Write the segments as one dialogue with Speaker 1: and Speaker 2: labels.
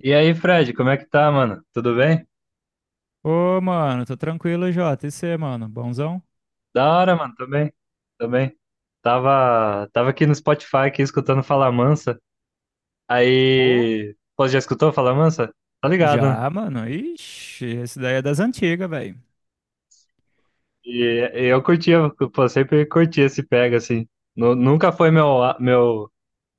Speaker 1: E aí, Fred, como é que tá, mano? Tudo bem?
Speaker 2: Ô, mano, tô tranquilo, Jota. E você, mano? Bonzão?
Speaker 1: Da hora, mano, tô bem, tô bem. Tava aqui no Spotify, aqui, escutando Fala Mansa.
Speaker 2: Pô,
Speaker 1: Aí, pô, já escutou Fala Mansa? Tá ligado, né?
Speaker 2: já, mano. Ixi, esse daí é das antigas, velho.
Speaker 1: E, eu curtia, pô, sempre curti esse pega, assim. Nunca foi meu, meu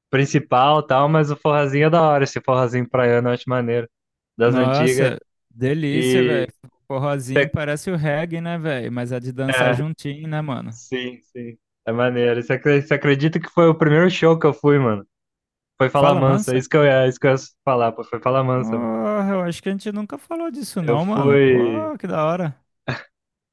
Speaker 1: principal, tal, mas o forrazinho é da hora, esse forrazinho praiano, eu acho maneiro, das antigas.
Speaker 2: Nossa, delícia, velho.
Speaker 1: E,
Speaker 2: Forrozinho
Speaker 1: cê-
Speaker 2: parece o reggae, né, velho? Mas é de dançar
Speaker 1: é,
Speaker 2: juntinho, né, mano?
Speaker 1: sim, é maneiro. Você acredita que foi o primeiro show que eu fui, mano? Foi falar
Speaker 2: Fala,
Speaker 1: mansa, é
Speaker 2: mansa?
Speaker 1: isso que eu ia, é isso que eu ia falar, pô, foi falar mansa, mano.
Speaker 2: Porra, eu acho que a gente nunca falou disso,
Speaker 1: Eu
Speaker 2: não, mano.
Speaker 1: fui,
Speaker 2: Pô, que da hora.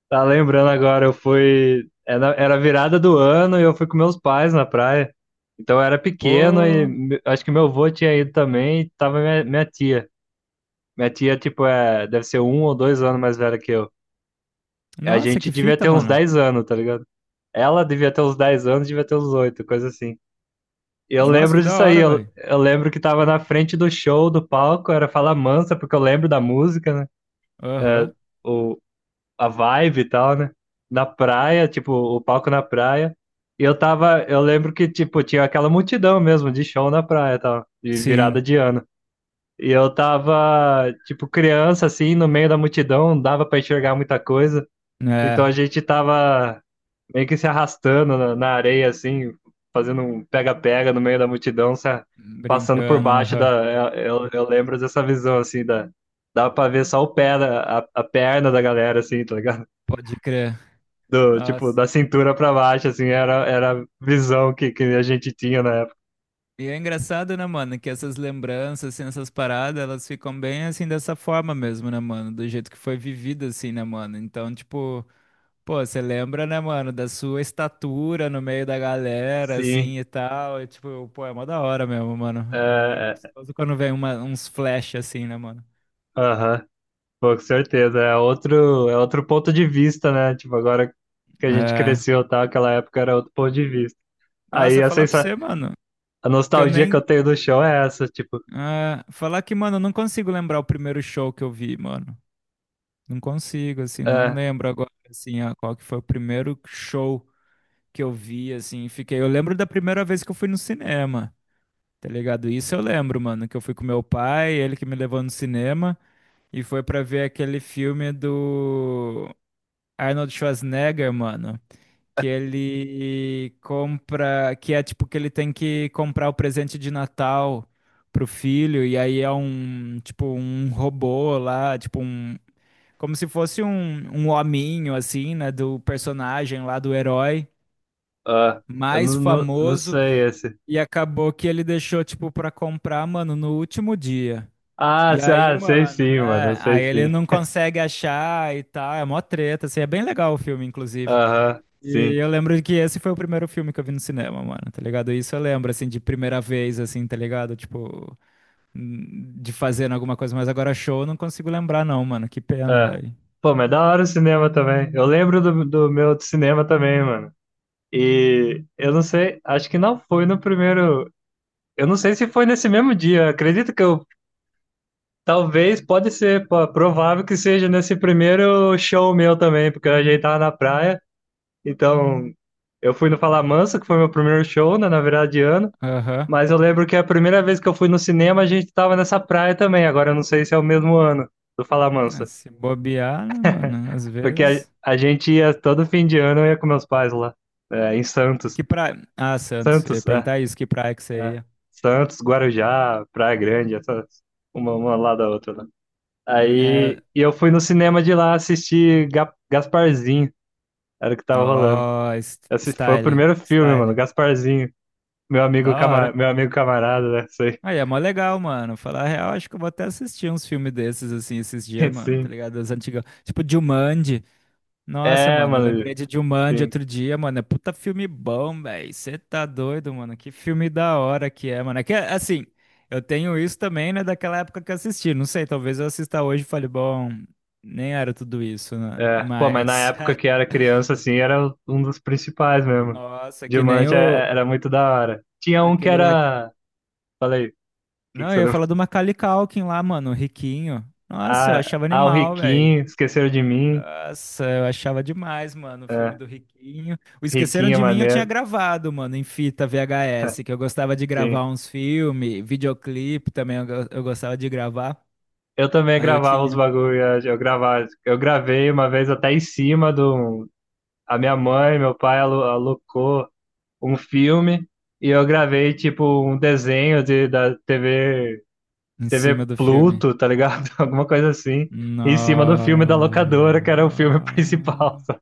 Speaker 1: tá lembrando agora, eu fui, era virada do ano e eu fui com meus pais na praia. Então eu era pequeno e
Speaker 2: Pô,
Speaker 1: acho que meu avô tinha ido também e tava minha tia. Minha tia, tipo, é, deve ser um ou dois anos mais velha que eu. A
Speaker 2: nossa,
Speaker 1: gente
Speaker 2: que
Speaker 1: devia
Speaker 2: fita,
Speaker 1: ter uns
Speaker 2: mano.
Speaker 1: 10 anos, tá ligado? Ela devia ter uns 10 anos, devia ter uns 8, coisa assim. E eu
Speaker 2: Nossa,
Speaker 1: lembro
Speaker 2: que da
Speaker 1: disso aí,
Speaker 2: hora,
Speaker 1: eu,
Speaker 2: velho.
Speaker 1: eu lembro que tava na frente do show, do palco, era Fala Mansa, porque eu lembro da música, né? é,
Speaker 2: Aham.
Speaker 1: o, a vibe e tal, né? Na praia, tipo, o palco na praia. E eu tava, eu lembro que, tipo, tinha aquela multidão mesmo de show na praia e tal, de
Speaker 2: Sim,
Speaker 1: virada de ano. E eu tava, tipo, criança, assim, no meio da multidão, não dava pra enxergar muita coisa. Então a
Speaker 2: né?
Speaker 1: gente tava meio que se arrastando na areia, assim, fazendo um pega-pega no meio da multidão, passando por
Speaker 2: Brincando,
Speaker 1: baixo
Speaker 2: aham.
Speaker 1: da. Eu lembro dessa visão, assim, da. Dava pra ver só o pé, a perna da galera, assim, tá ligado?
Speaker 2: Pode crer.
Speaker 1: Do, tipo,
Speaker 2: Nossa.
Speaker 1: da cintura pra baixo, assim, era a visão que a gente tinha na época.
Speaker 2: E é engraçado, né, mano, que essas lembranças, assim, essas paradas, elas ficam bem, assim, dessa forma mesmo, né, mano? Do jeito que foi vivida, assim, né, mano? Então, tipo, pô, você lembra, né, mano, da sua estatura no meio da galera,
Speaker 1: Sim,
Speaker 2: assim, e tal. E, tipo, pô, é mó da hora mesmo, mano. É
Speaker 1: é, é,
Speaker 2: gostoso quando vem uns flash, assim, né, mano?
Speaker 1: aham, pô, com certeza. É outro ponto de vista, né? Tipo, agora que a gente
Speaker 2: É.
Speaker 1: cresceu, tá? Aquela época era outro ponto de vista. Aí
Speaker 2: Nossa,
Speaker 1: a
Speaker 2: falar pra
Speaker 1: sensa
Speaker 2: você, mano,
Speaker 1: A
Speaker 2: que eu
Speaker 1: nostalgia que
Speaker 2: nem...
Speaker 1: eu tenho do show é essa, tipo,
Speaker 2: é, falar que, mano, eu não consigo lembrar o primeiro show que eu vi, mano. Não consigo, assim, não
Speaker 1: é,
Speaker 2: lembro agora, assim, qual que foi o primeiro show que eu vi, assim, e fiquei. Eu lembro da primeira vez que eu fui no cinema, tá ligado? Isso eu lembro, mano, que eu fui com meu pai, ele que me levou no cinema, e foi pra ver aquele filme do Arnold Schwarzenegger, mano, que ele compra, que é tipo que ele tem que comprar o presente de Natal pro filho, e aí é um, tipo, um robô lá, tipo um como se fosse um hominho, assim, né? Do personagem lá, do herói
Speaker 1: ah, eu
Speaker 2: mais
Speaker 1: não
Speaker 2: famoso.
Speaker 1: sei esse.
Speaker 2: E acabou que ele deixou, tipo, pra comprar, mano, no último dia.
Speaker 1: Ah,
Speaker 2: E aí,
Speaker 1: sei
Speaker 2: mano,
Speaker 1: sim, mano, eu
Speaker 2: é,
Speaker 1: sei
Speaker 2: aí ele
Speaker 1: sim.
Speaker 2: não consegue achar e tal, é mó treta, assim, é bem legal o filme, inclusive.
Speaker 1: Aham,
Speaker 2: E
Speaker 1: sim.
Speaker 2: eu lembro que esse foi o primeiro filme que eu vi no cinema, mano, tá ligado? Isso eu lembro, assim, de primeira vez, assim, tá ligado? Tipo, de fazendo alguma coisa, mas agora show eu não consigo lembrar não, mano, que pena,
Speaker 1: É.
Speaker 2: velho.
Speaker 1: Pô, mas é da hora o cinema também. Eu lembro do, do meu cinema também, mano. E eu não sei, acho que não foi no primeiro. Eu não sei se foi nesse mesmo dia. Acredito que eu. Talvez, pode ser, pô, provável que seja nesse primeiro show meu também, porque a gente tava na praia. Então, eu fui no Falamansa, que foi meu primeiro show, né, na virada de ano.
Speaker 2: Aham.
Speaker 1: Mas eu lembro que a primeira vez que eu fui no cinema, a gente tava nessa praia também. Agora eu não sei se é o mesmo ano do
Speaker 2: Ah,
Speaker 1: Falamansa.
Speaker 2: se bobear, né, mano? Às
Speaker 1: Porque a,
Speaker 2: vezes.
Speaker 1: a gente ia todo fim de ano, eu ia com meus pais lá, é, em
Speaker 2: E
Speaker 1: Santos.
Speaker 2: que praia. Ah, Santos. Eu ia
Speaker 1: Santos, é,
Speaker 2: perguntar isso, que praia que você
Speaker 1: é.
Speaker 2: ia?
Speaker 1: Santos, Guarujá, Praia Grande, essas,
Speaker 2: Hum.
Speaker 1: uma lá da outra. Né?
Speaker 2: É.
Speaker 1: Aí e eu fui no cinema de lá assistir Gasparzinho, era o que tava rolando.
Speaker 2: Ó,
Speaker 1: Esse foi o
Speaker 2: style.
Speaker 1: primeiro filme,
Speaker 2: Style.
Speaker 1: mano, Gasparzinho. Meu amigo,
Speaker 2: Da hora.
Speaker 1: meu amigo camarada, né? Sei.
Speaker 2: Aí, é mó legal, mano. Falar a real, acho que eu vou até assistir uns filmes desses, assim, esses dias, mano, tá
Speaker 1: Sim.
Speaker 2: ligado? Das antigas. Tipo, Jumanji. Nossa,
Speaker 1: É,
Speaker 2: mano, eu
Speaker 1: mano.
Speaker 2: lembrei de Jumanji
Speaker 1: Sim.
Speaker 2: outro dia, mano. É puta filme bom, velho. Você tá doido, mano. Que filme da hora que é, mano. É que, assim, eu tenho isso também, né, daquela época que eu assisti. Não sei, talvez eu assista hoje e fale, bom, nem era tudo isso, né?
Speaker 1: É. Pô, mas na
Speaker 2: Mas,
Speaker 1: época que era criança, assim, era um dos principais mesmo.
Speaker 2: nossa, que nem
Speaker 1: Diamante é-
Speaker 2: o,
Speaker 1: É, era muito da hora. Tinha um que
Speaker 2: aquele lá.
Speaker 1: era. Falei, o que que
Speaker 2: Não, eu
Speaker 1: você
Speaker 2: ia
Speaker 1: lembra?
Speaker 2: falar do Macaulay Culkin lá, mano, o riquinho. Nossa, eu achava
Speaker 1: O
Speaker 2: animal, velho.
Speaker 1: Riquinho, esqueceram de mim.
Speaker 2: Nossa, eu achava demais, mano, o filme
Speaker 1: É,
Speaker 2: do Riquinho. O Esqueceram
Speaker 1: Riquinho é
Speaker 2: de Mim eu tinha
Speaker 1: maneiro.
Speaker 2: gravado, mano, em fita VHS, que eu gostava de gravar
Speaker 1: Sim.
Speaker 2: uns filmes, videoclipe também eu, eu gostava de gravar.
Speaker 1: Eu também
Speaker 2: Aí eu
Speaker 1: gravava os
Speaker 2: tinha
Speaker 1: bagulho, eu gravava, eu gravei uma vez até em cima do a minha mãe, meu pai alocou um filme e eu gravei tipo um desenho de, da TV
Speaker 2: em
Speaker 1: T V
Speaker 2: cima do filme.
Speaker 1: Pluto, tá ligado? Alguma coisa assim. Em cima do filme da locadora, que era o filme principal.
Speaker 2: Nossa.
Speaker 1: Sabe?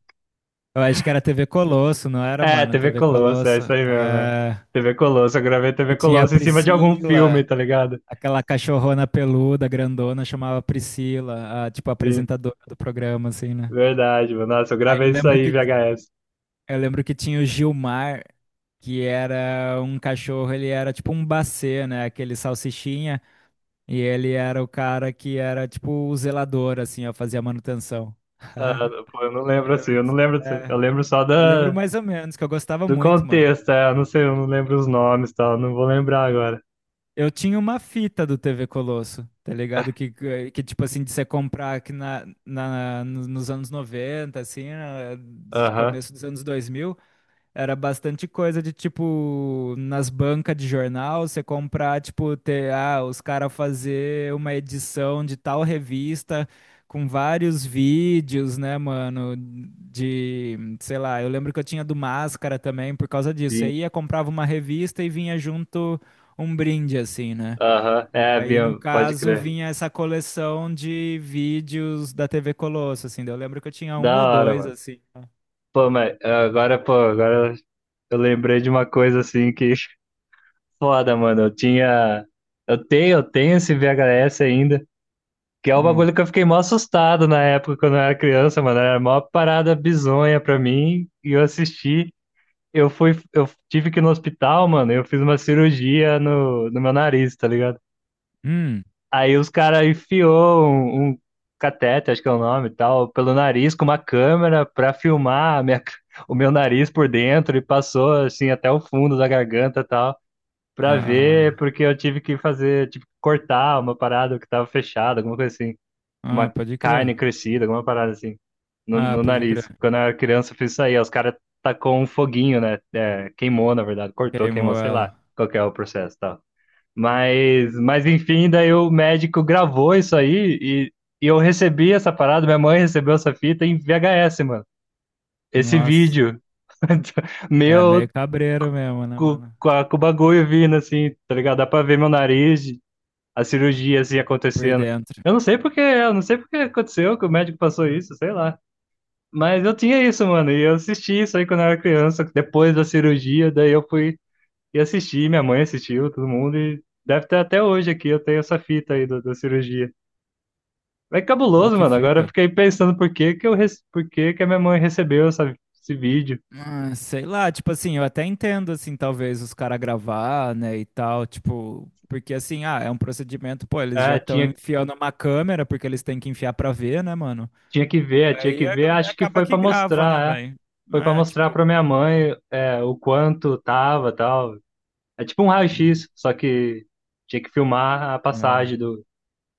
Speaker 2: Eu acho que era TV Colosso, não era,
Speaker 1: É,
Speaker 2: mano?
Speaker 1: T V
Speaker 2: TV
Speaker 1: Colosso, é
Speaker 2: Colosso.
Speaker 1: isso aí mesmo. É.
Speaker 2: É...
Speaker 1: T V Colosso, eu gravei T
Speaker 2: E
Speaker 1: V
Speaker 2: tinha a
Speaker 1: Colosso em cima de algum filme,
Speaker 2: Priscila,
Speaker 1: tá ligado?
Speaker 2: aquela cachorrona peluda, grandona, chamava Priscila, a, tipo, a
Speaker 1: Sim,
Speaker 2: apresentadora do programa, assim, né?
Speaker 1: verdade, mano. Nossa, eu
Speaker 2: Aí
Speaker 1: gravei
Speaker 2: eu
Speaker 1: isso
Speaker 2: lembro
Speaker 1: aí,
Speaker 2: que
Speaker 1: VHS.
Speaker 2: Eu lembro que tinha o Gilmar, que era um cachorro, ele era tipo um bacê, né? Aquele salsichinha. E ele era o cara que era tipo o zelador, assim, ó, fazia manutenção.
Speaker 1: Ah, pô, eu não
Speaker 2: Eu
Speaker 1: lembro assim,
Speaker 2: lembro
Speaker 1: eu não
Speaker 2: disso,
Speaker 1: lembro assim.
Speaker 2: é.
Speaker 1: Eu lembro só
Speaker 2: Eu lembro
Speaker 1: da,
Speaker 2: mais ou menos, que eu gostava
Speaker 1: do
Speaker 2: muito, mano.
Speaker 1: contexto, é, eu não sei, eu não lembro os nomes e tal, não vou lembrar agora.
Speaker 2: Eu tinha uma fita do TV Colosso, tá ligado? Tipo assim, de você comprar aqui na, na, no- nos anos 90 assim, do
Speaker 1: Aham,
Speaker 2: começo dos anos 2000. Era bastante coisa de tipo nas bancas de jornal, você comprar, tipo, ter, ah, os caras fazer uma edição de tal revista com vários vídeos, né, mano, de, sei lá, eu lembro que eu tinha do Máscara também por causa disso. Você
Speaker 1: sim.
Speaker 2: ia, comprava uma revista e vinha junto um brinde assim, né?
Speaker 1: Aham,
Speaker 2: E
Speaker 1: é,
Speaker 2: aí, no
Speaker 1: Bia, pode
Speaker 2: caso,
Speaker 1: crer.
Speaker 2: vinha essa coleção de vídeos da TV Colosso, assim. Daí eu lembro que eu tinha um
Speaker 1: Da
Speaker 2: ou
Speaker 1: hora,
Speaker 2: dois,
Speaker 1: mano.
Speaker 2: assim.
Speaker 1: Pô, mas ah, agora, pô, agora eu lembrei de uma coisa assim que foda, mano. Eu tinha. Eu tenho esse VHS ainda. Que é o
Speaker 2: Hum.
Speaker 1: bagulho que eu fiquei mó assustado na época quando eu era criança, mano. Era a maior parada bizonha pra mim. E eu assisti. Eu fui. Eu tive que ir no hospital, mano. E eu fiz uma cirurgia no meu nariz, tá ligado?
Speaker 2: Hum.
Speaker 1: Aí os caras enfiou um catete, acho que é o nome e tal, pelo nariz com uma câmera pra filmar a minha, o meu nariz por dentro e passou assim até o fundo da garganta e tal. Pra ver,
Speaker 2: Ah.
Speaker 1: porque eu tive que fazer, tipo, cortar uma parada que tava fechada, alguma coisa assim.
Speaker 2: Ah,
Speaker 1: Uma
Speaker 2: pode
Speaker 1: carne
Speaker 2: crer.
Speaker 1: crescida, alguma parada assim, no,
Speaker 2: Ah,
Speaker 1: no
Speaker 2: pode
Speaker 1: nariz.
Speaker 2: crer.
Speaker 1: Quando eu era criança, eu fiz isso aí. Aí os caras tacou um foguinho, né? É, queimou, na verdade, cortou, queimou,
Speaker 2: Queimou
Speaker 1: sei lá
Speaker 2: ela.
Speaker 1: qual que é o processo e tal. Mas enfim, daí o médico gravou isso aí e eu recebi essa parada, minha mãe recebeu essa fita em VHS, mano. Esse
Speaker 2: Nossa.
Speaker 1: vídeo
Speaker 2: É
Speaker 1: meu
Speaker 2: meio cabreiro mesmo, né, mano?
Speaker 1: com o bagulho vindo, assim, tá ligado? Dá pra ver meu nariz, a cirurgia, assim,
Speaker 2: Por
Speaker 1: acontecendo.
Speaker 2: dentro.
Speaker 1: Eu não sei porque, eu não sei porque aconteceu, que o médico passou isso, sei lá. Mas eu tinha isso, mano, e eu assisti isso aí quando eu era criança, depois da cirurgia, daí eu fui e assisti, minha mãe assistiu, todo mundo, e deve ter até hoje aqui, eu tenho essa fita aí da cirurgia. É
Speaker 2: Pô,
Speaker 1: cabuloso,
Speaker 2: que
Speaker 1: mano, agora eu
Speaker 2: fita.
Speaker 1: fiquei pensando por que que eu, por que que a minha mãe recebeu essa, esse vídeo.
Speaker 2: Ah, sei lá, tipo assim, eu até entendo, assim, talvez os caras gravar, né, e tal, tipo. Porque assim, ah, é um procedimento, pô, eles já
Speaker 1: Ah,
Speaker 2: estão enfiando uma câmera, porque eles têm que enfiar pra ver, né, mano? E
Speaker 1: tinha
Speaker 2: aí
Speaker 1: que ver, acho que
Speaker 2: acaba
Speaker 1: foi
Speaker 2: que
Speaker 1: pra
Speaker 2: grava, né,
Speaker 1: mostrar, é.
Speaker 2: velho?
Speaker 1: Foi pra
Speaker 2: É,
Speaker 1: mostrar
Speaker 2: tipo.
Speaker 1: pra minha mãe é, o quanto tava tal. É tipo um
Speaker 2: Hum.
Speaker 1: raio-x, só que tinha que filmar a
Speaker 2: É.
Speaker 1: passagem do,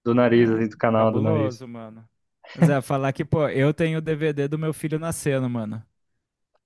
Speaker 1: do nariz,
Speaker 2: É,
Speaker 1: assim, do canal do nariz.
Speaker 2: cabuloso, mano. Zé, falar que, pô, eu tenho o DVD do meu filho nascendo, mano.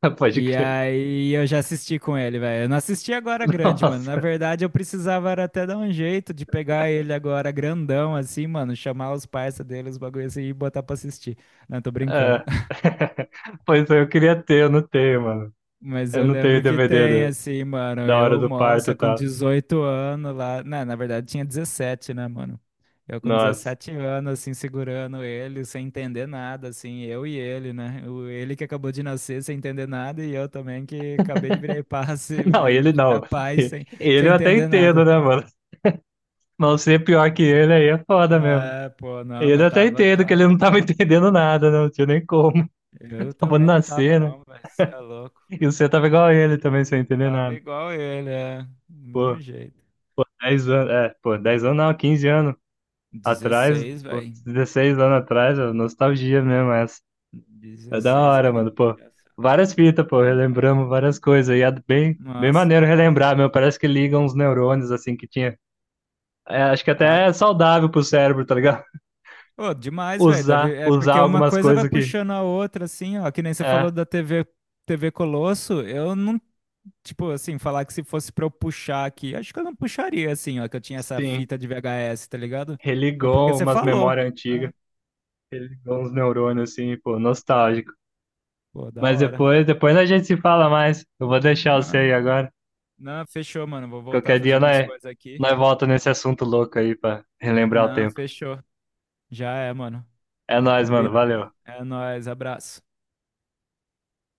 Speaker 1: Pode
Speaker 2: E
Speaker 1: crer.
Speaker 2: aí eu já assisti com ele, velho. Eu não assisti agora grande, mano. Na
Speaker 1: Nossa.
Speaker 2: verdade, eu precisava era até dar um jeito de pegar ele agora grandão, assim, mano. Chamar os parça dele, os bagulho assim, e botar pra assistir. Não, tô brincando.
Speaker 1: É. Pois é, eu queria ter, eu não tenho, mano.
Speaker 2: Mas
Speaker 1: Eu
Speaker 2: eu
Speaker 1: não
Speaker 2: lembro
Speaker 1: tenho
Speaker 2: que
Speaker 1: DVD
Speaker 2: tem, assim, mano.
Speaker 1: da hora
Speaker 2: Eu,
Speaker 1: do
Speaker 2: moça,
Speaker 1: parto,
Speaker 2: com
Speaker 1: tá?
Speaker 2: 18 anos lá. Não, na verdade tinha 17, né, mano? Eu com
Speaker 1: Nossa.
Speaker 2: 17 anos, assim, segurando ele, sem entender nada, assim, eu e ele, né? O, ele que acabou de nascer sem entender nada e eu também que acabei de virar paz,
Speaker 1: Não, ele não.
Speaker 2: virar pai sem,
Speaker 1: Ele
Speaker 2: sem
Speaker 1: eu até
Speaker 2: entender
Speaker 1: entendo,
Speaker 2: nada.
Speaker 1: né, mano? Mas ser pior que ele aí é foda mesmo.
Speaker 2: É, pô, não,
Speaker 1: Ele eu
Speaker 2: mas
Speaker 1: até
Speaker 2: tava,
Speaker 1: entendo que
Speaker 2: tava
Speaker 1: ele não tava
Speaker 2: também, né?
Speaker 1: entendendo nada, né? Não tinha nem como.
Speaker 2: Eu
Speaker 1: Tava
Speaker 2: também não tava,
Speaker 1: nascendo
Speaker 2: não, mas é louco.
Speaker 1: e você tava igual a ele também, sem entender
Speaker 2: Tava
Speaker 1: nada.
Speaker 2: igual ele, é. Do mesmo
Speaker 1: Pô,
Speaker 2: jeito.
Speaker 1: 10 anos, é, pô, 10 anos não, 15 anos atrás,
Speaker 2: 16,
Speaker 1: pô,
Speaker 2: velho.
Speaker 1: 16 anos atrás, ó, nostalgia mesmo essa. É da
Speaker 2: dezesseis
Speaker 1: hora, mano,
Speaker 2: aninhos
Speaker 1: pô.
Speaker 2: já, sabe?
Speaker 1: Várias fitas, pô, relembramos várias coisas. E é bem, bem
Speaker 2: Nossa.
Speaker 1: maneiro relembrar, meu. Parece que ligam uns neurônios, assim, que tinha. É, acho que
Speaker 2: Ah,
Speaker 1: até é saudável pro cérebro, tá ligado?
Speaker 2: pô, demais, velho.
Speaker 1: Usar,
Speaker 2: É
Speaker 1: usar
Speaker 2: porque uma
Speaker 1: algumas
Speaker 2: coisa vai
Speaker 1: coisas que.
Speaker 2: puxando a outra, assim, ó. Que nem você falou
Speaker 1: É,
Speaker 2: da TV, TV Colosso. Eu não, tipo, assim, falar que se fosse pra eu puxar aqui, acho que eu não puxaria, assim, ó. Que eu tinha essa
Speaker 1: sim.
Speaker 2: fita de VHS, tá ligado? Foi porque
Speaker 1: Religou
Speaker 2: você
Speaker 1: umas
Speaker 2: falou.
Speaker 1: memórias
Speaker 2: Ah,
Speaker 1: antigas. Religou uns neurônios, assim, pô, nostálgico.
Speaker 2: pô, da
Speaker 1: Mas
Speaker 2: hora.
Speaker 1: depois, depois a gente se fala mais. Eu vou deixar você
Speaker 2: Não,
Speaker 1: aí agora.
Speaker 2: não, fechou, mano. Vou voltar a
Speaker 1: Qualquer
Speaker 2: fazer
Speaker 1: dia
Speaker 2: umas
Speaker 1: nós,
Speaker 2: coisas aqui.
Speaker 1: nós volta nesse assunto louco aí pra relembrar o
Speaker 2: Não,
Speaker 1: tempo.
Speaker 2: fechou. Já é, mano.
Speaker 1: É nóis, mano. Valeu.
Speaker 2: Combinado. É nóis, abraço.